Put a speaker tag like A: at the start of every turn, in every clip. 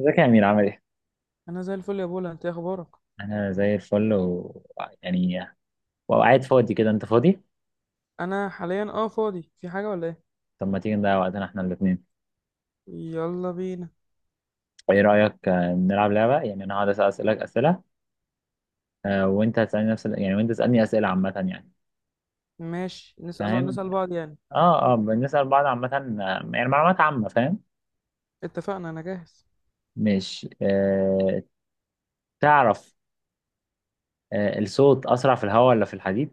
A: ازيك يا امير عامل ايه؟
B: انا زي الفل يا بولا، انت إيه اخبارك؟
A: انا زي الفل و يعني وقاعد فاضي كده. انت فاضي؟
B: انا حاليا فاضي. في حاجه ولا ايه؟
A: طب ما تيجي نضيع وقتنا احنا الاثنين.
B: يلا بينا.
A: ايه رايك نلعب لعبه. يعني انا هقعد اسالك اسئله، وانت هتسالني نفس وانت تسالني اسئله عامه يعني.
B: ماشي، نسال، نقعد
A: فاهم؟
B: نسال بعض يعني.
A: اه، اه، بنسال بعض عامه. يعني معلومات عامه. فاهم؟
B: اتفقنا، انا جاهز.
A: مش آه، تعرف، الصوت اسرع في الهواء ولا في الحديد؟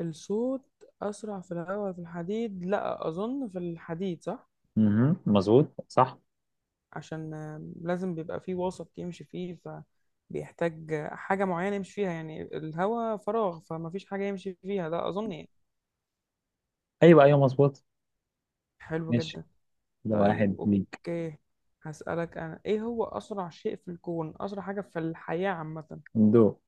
B: الصوت اسرع في الهواء ولا في الحديد؟ لا اظن في الحديد، صح.
A: مهم. مظبوط صح؟
B: عشان لازم بيبقى فيه وسط يمشي فيه، فبيحتاج حاجه معينه يمشي فيها. يعني الهواء فراغ، فما فيش حاجه يمشي فيها، ده اظن يعني.
A: ايوه، ايوه، مظبوط.
B: حلو
A: ماشي،
B: جدا.
A: ده
B: طيب
A: واحد ليك.
B: اوكي، هسألك أنا: إيه هو أسرع شيء في الكون؟ أسرع حاجة في الحياة عامة.
A: دو،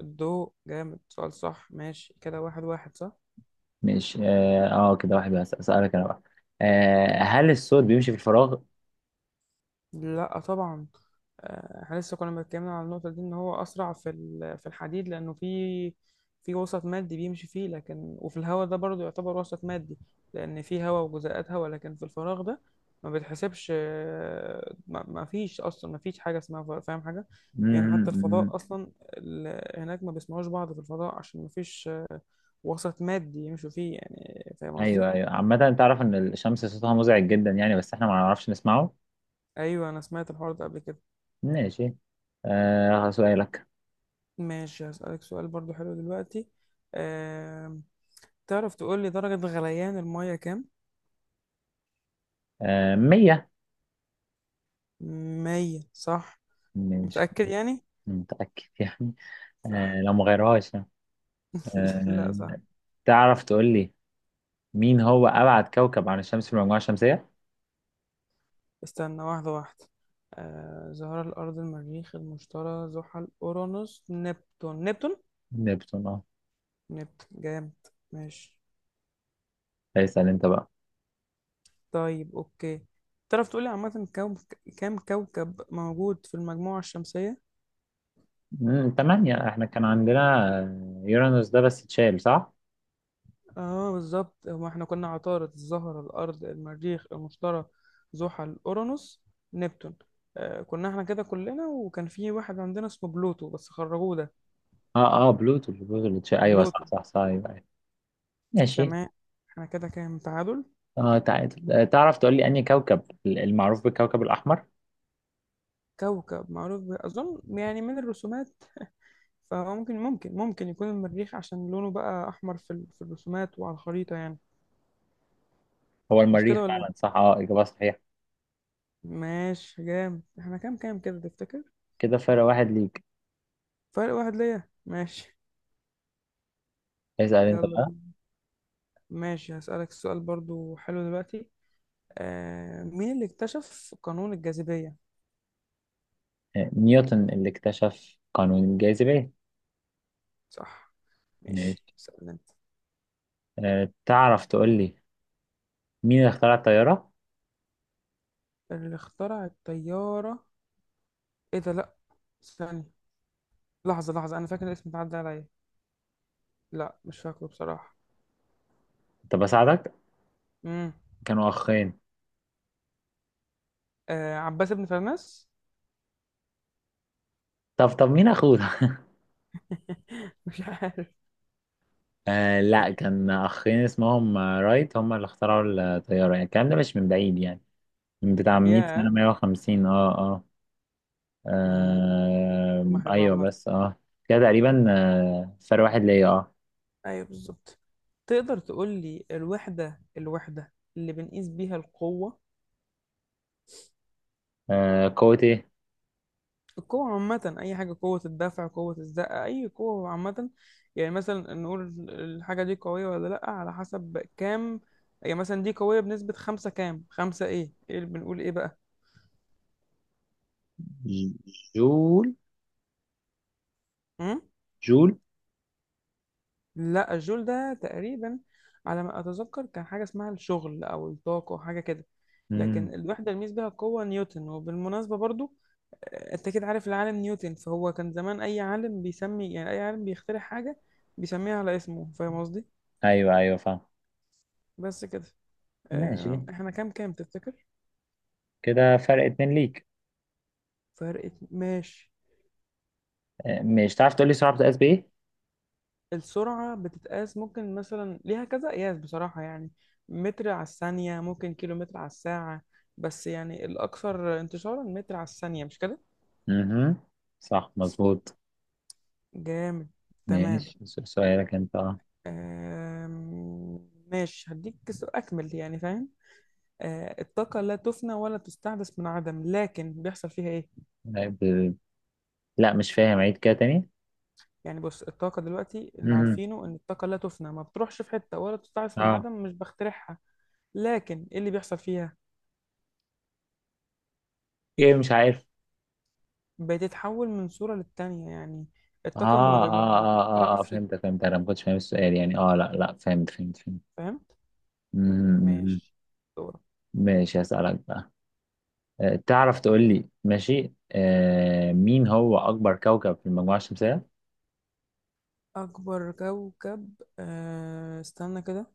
B: الضوء. جامد، سؤال صح. ماشي كده واحد واحد صح.
A: مش اه، كده واحد بس. اسالك انا بقى، هل الصوت بيمشي في الفراغ؟
B: لا طبعا. احنا لسه كنا بنتكلمنا على النقطة دي، ان هو اسرع في الحديد لانه في وسط مادي بيمشي فيه. لكن وفي الهواء ده برضه يعتبر وسط مادي، لان في هواء وجزيئات هواء. لكن في الفراغ ده ما بتحسبش، ما فيش اصلا، ما فيش حاجة اسمها فضاء، فاهم حاجة. يعني
A: مم،
B: حتى
A: مم.
B: الفضاء اصلا هناك ما بيسمعوش بعض في الفضاء، عشان ما فيش وسط مادي يمشوا فيه، يعني فاهم قصدي.
A: ايوه، ايوه، عامه تعرف ان الشمس صوتها مزعج جدا يعني، بس احنا ما نعرفش نسمعه.
B: ايوه انا سمعت الحوار ده قبل كده.
A: ماشي، آه، سؤالك.
B: ماشي، هسألك سؤال برضو حلو دلوقتي. أه... تعرف تقول لي درجة غليان المية كام؟
A: آه، مية.
B: مية صح.
A: مش
B: متأكد يعني؟
A: متأكد يعني.
B: صح.
A: آه لو مغيرهاش يعني.
B: لا
A: آه،
B: صح.
A: تعرف تقول لي مين هو أبعد كوكب عن الشمس في المجموعة الشمسية؟
B: استنى واحدة واحدة. زهرة، الأرض، المريخ، المشتري، زحل، أورانوس، نبتون. نبتون؟
A: نبتون، اه.
B: نبتون جامد. ماشي.
A: اسأل انت بقى.
B: طيب أوكي، تعرف تقول لي عامة كام كوكب موجود في المجموعة الشمسية؟
A: مم، تمانية. احنا كان عندنا يورانوس ده بس اتشال، صح؟
B: اه بالظبط، هما احنا كنا عطارد، الزهرة، الأرض، المريخ، المشتري، زحل، أورانوس، نبتون. آه كنا احنا كده كلنا، وكان في واحد عندنا اسمه بلوتو بس خرجوه ده.
A: اه، اه، بلوتو، بلوتو اللي ايوه، صح
B: بلوتو.
A: صح صح، ايوه، أيوة. ماشي.
B: تمام، احنا كده كام، تعادل.
A: اه، تعال، تعرف تقول لي انهي كوكب المعروف بالكوكب الاحمر؟
B: كوكب معروف أظن يعني من الرسومات، فممكن ممكن ممكن يكون المريخ، عشان لونه بقى أحمر في، في الرسومات وعلى الخريطة يعني.
A: هو
B: مش
A: المريخ
B: كده ولا
A: فعلا،
B: إيه؟
A: صح، اه، اجابه صحيحه.
B: ماشي جامد، احنا كام كام كده تفتكر؟
A: كده فرق واحد ليك.
B: فرق واحد ليا، ماشي.
A: اسال انت
B: يلا.
A: بقى.
B: ماشي، هسألك السؤال برضو حلو دلوقتي. آه، مين اللي اكتشف قانون الجاذبية؟
A: نيوتن اللي اكتشف قانون الجاذبيه.
B: صح. ماشي،
A: ماشي،
B: اسأل انت.
A: آه، تعرف تقول لي مين اللي اخترع الطياره؟
B: اللي اخترع الطيارة؟ ايه ده لأ. ثانية، لحظة لحظة أنا فاكر الاسم، اتعدى عليا. لأ مش فاكره بصراحة.
A: طب بساعدك،
B: مم.
A: كانوا اخين.
B: آه، عباس بن فرناس؟
A: طب، طب، مين اخوه ده؟
B: مش عارف.
A: آه، لا كان اخين اسمهم رايت، هم اللي اخترعوا الطياره. يعني الكلام ده مش من بعيد يعني، من بتاع 100 سنه،
B: ياه.
A: 150، اه، اه،
B: مم.
A: آه،
B: معلومة حلوة
A: ايوه،
B: عامة.
A: بس اه، كده تقريبا. آه، فرق واحد ليا، اه.
B: أيوه بالظبط. تقدر تقول لي الوحدة اللي بنقيس بيها القوة؟
A: آه، قوة ايه؟
B: القوة عامة، أي حاجة، قوة الدفع، قوة الزقة، أي قوة عامة. يعني مثلا نقول الحاجة دي قوية ولا لأ على حسب كام. يعني مثلا دي قوية بنسبة خمسة، كام، خمسة إيه، إيه اللي بنقول إيه بقى.
A: ج- جول.
B: أم؟
A: جول.
B: لأ الجول ده تقريبا على ما أتذكر كان حاجة اسمها الشغل أو الطاقة أو حاجة كده.
A: مم.
B: لكن الوحدة اللي ميز بيها القوة نيوتن. وبالمناسبة برضو، أنت كده عارف العالم نيوتن، فهو كان زمان أي عالم بيسمي، يعني أي عالم بيخترع حاجة بيسميها على اسمه، فاهم قصدي.
A: ايوه، ايوه، فاهم.
B: بس كده.
A: ماشي،
B: احنا كام كام تفتكر؟
A: كده فرق اتنين ليك.
B: ماشي.
A: آه مش، تعرف تقولي سرعة بتقاس بايه؟
B: السرعة بتتقاس، ممكن مثلا ليها كذا قياس بصراحة يعني. متر على الثانية، ممكن كيلو متر على الساعة. بس يعني الأكثر انتشارا متر على الثانية، مش كده؟
A: مهم. صح، مظبوط.
B: جامد. تمام.
A: ماشي، سؤالك انت، اه.
B: آم، ماشي، هديك أكمل يعني فاهم. الطاقة لا تفنى ولا تستحدث من عدم، لكن بيحصل فيها إيه؟
A: لا ب- لا، مش فاهم، عيد كده تاني.
B: يعني بص، الطاقة دلوقتي اللي
A: مهم.
B: عارفينه إن الطاقة لا تفنى، ما بتروحش في حتة، ولا تستعص من
A: اه.
B: عدم، مش بخترعها. لكن إيه اللي بيحصل فيها؟
A: ايه؟ مش عارف.
B: بتتحول من صورة للتانية يعني.
A: اه
B: الطاقة ما
A: اه
B: ب- ما
A: اه اه، آه
B: بتعرفش
A: فهمت، فهمت، انا ما كنتش فاهم السؤال يعني. اه لا لا، فهمت، فهمت، فهمت.
B: فهمت.
A: مهم.
B: ماشي. دورة.
A: ماشي، هسألك بقى. تعرف تقول لي ماشي، مين هو أكبر كوكب في المجموعة الشمسية؟
B: أكبر كوكب، أه استنى كده.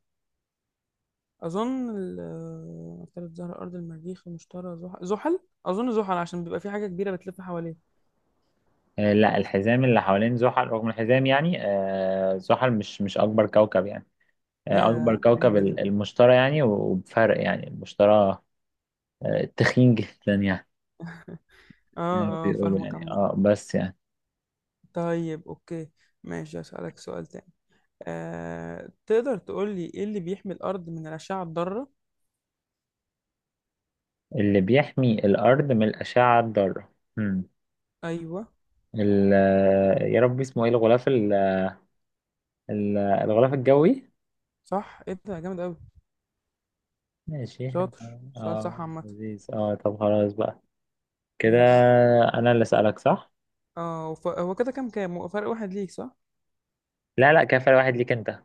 B: أظن عطارد، زهرة، الأرض، المريخ، المشتري، زحل. زحل، أظن زحل، عشان بيبقى في حاجة كبيرة بتلف حواليه.
A: آه، لا، الحزام اللي حوالين زحل رغم الحزام يعني، آه، زحل مش أكبر كوكب يعني. آه، أكبر
B: يا
A: كوكب
B: غريبة دي.
A: المشتري يعني، وبفرق يعني. المشتري آه، تخين جدا يعني، زي ما
B: اه اه،
A: بيقولوا
B: فاهمك
A: يعني،
B: عامة.
A: اه، بس يعني.
B: طيب اوكي. ماشي أسألك سؤال تاني. تقدر تقول لي ايه اللي بيحمي الارض من الاشعه الضاره؟
A: اللي بيحمي الأرض من الأشعة الضارة، هم.
B: ايوه.
A: يا رب اسمه ايه، الغلاف الغلاف الجوي.
B: صح، ايه ده جامد قوي.
A: ماشي.
B: شاطر، سؤال صح
A: اه،
B: عامه.
A: لذيذ. اه، طب خلاص بقى كده،
B: ماشي.
A: انا اللي اسالك، صح؟
B: هو كده كام كام؟ هو فرق واحد ليك صح.
A: لا لا، كفى واحد ليك انت.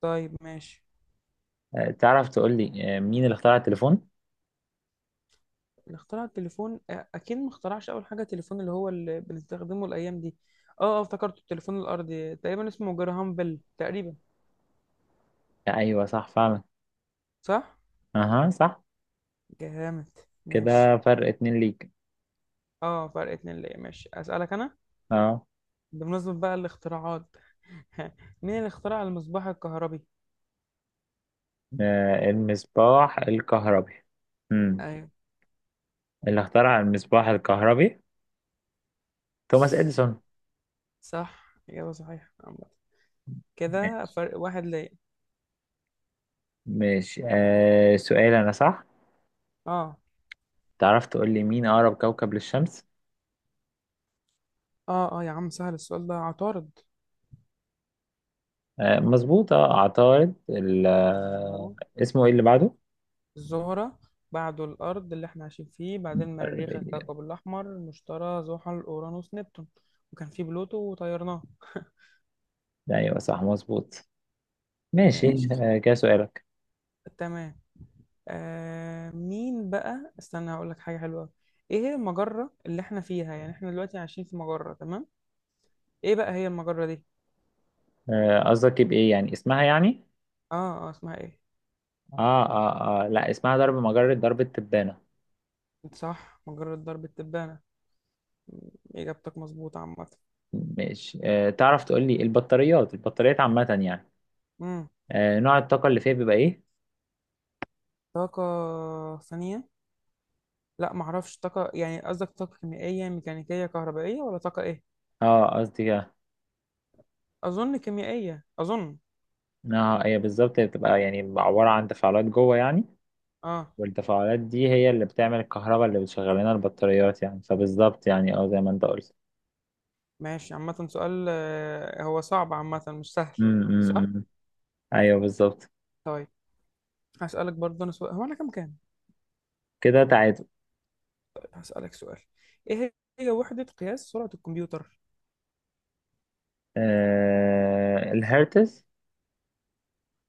B: طيب ماشي.
A: تعرف تقول لي مين اللي اخترع التليفون؟
B: اللي اخترع التليفون؟ اكيد ما اخترعش اول حاجه التليفون اللي هو اللي بنستخدمه الايام دي. اه اه افتكرت، التليفون الارضي تقريبا اسمه جراهام بيل تقريبا.
A: لا، ايوه، صح فعلا.
B: صح.
A: اها، صح.
B: جامد. ماشي.
A: كده فرق اتنين ليك.
B: اه، فرق اتنين ليا، ماشي، اسالك انا.
A: اه،
B: بمناسبه بقى الاختراعات، مين اللي اخترع المصباح الكهربي؟
A: المصباح الكهربي. امم،
B: ايوه.
A: اللي اخترع المصباح الكهربي توماس اديسون.
B: صح، اجابه صحيحه عامة. كده
A: ماشي.
B: فرق واحد ليا.
A: ماشي، آه، سؤال انا صح.
B: اه
A: تعرف تقول لي مين اقرب كوكب للشمس؟
B: اه اه يا عم، سهل السؤال ده، عطارد.
A: آه مظبوط، اه، عطارد،
B: الزهرة.
A: اسمه ايه اللي بعده؟
B: الزهرة، بعده الأرض اللي احنا عايشين فيه، بعدين مريخ الكوكب الأحمر، المشتري، زحل، أورانوس، نبتون. وكان فيه بلوتو وطيرناه.
A: ايوه، صح، مظبوط. ماشي.
B: ماشي.
A: مم. آه، كده سؤالك.
B: تمام. آه مين بقى، استنى هقول لك حاجة حلوة. ايه هي المجرة اللي احنا فيها؟ يعني احنا دلوقتي عايشين في مجرة تمام، ايه بقى هي المجرة دي؟
A: آه، قصدك بايه يعني، اسمها يعني؟
B: اه اه اسمها ايه.
A: اه اه اه، لا، اسمها ضرب، مجرة ضرب التبانة.
B: صح، مجرة درب التبانة. إجابتك مظبوطة عامة.
A: ماشي. آه، تعرف تقول لي البطاريات، البطاريات عامة يعني،
B: مم.
A: آه، نوع الطاقة اللي فيها بيبقى ايه؟
B: طاقة ثانية. لا معرفش، طاقة يعني قصدك طاقة كيميائية، ميكانيكية، كهربائية، ولا طاقة إيه؟
A: اه، قصدي كده.
B: أظن كيميائية، أظن.
A: اه، هي بالظبط، هي بتبقى يعني عبارة عن تفاعلات جوه يعني،
B: آه.
A: والتفاعلات دي هي اللي بتعمل الكهرباء اللي بتشغل لنا البطاريات يعني. فبالظبط يعني، اه، زي ما انت قلت.
B: ماشي عامة، سؤال هو صعب عامة، مش سهل،
A: امم، أمم،
B: صح؟
A: أمم. ايوه بالظبط.
B: طيب. هسألك برضه أنا سؤال. هو أنا كام كام؟
A: كده تعادل.
B: هسألك سؤال: إيه هي وحدة قياس سرعة الكمبيوتر؟
A: الهرتز.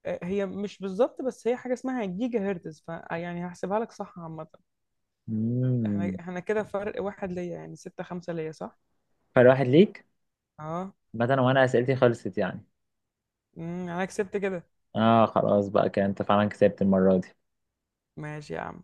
B: هي مش بالظبط، بس هي حاجة اسمها جيجا هرتز، فيعني هحسبها لك صح عامة. احنا
A: مم.
B: احنا كده فرق واحد ليا، يعني 6-5 ليا، صح؟
A: فرق واحد ليك
B: اه.
A: مثلا، وانا اسئلتي خلصت يعني.
B: مم، انا كسبت كده.
A: اه، خلاص بقى كده، انت فعلا كسبت المرة دي.
B: ماشي يا عم.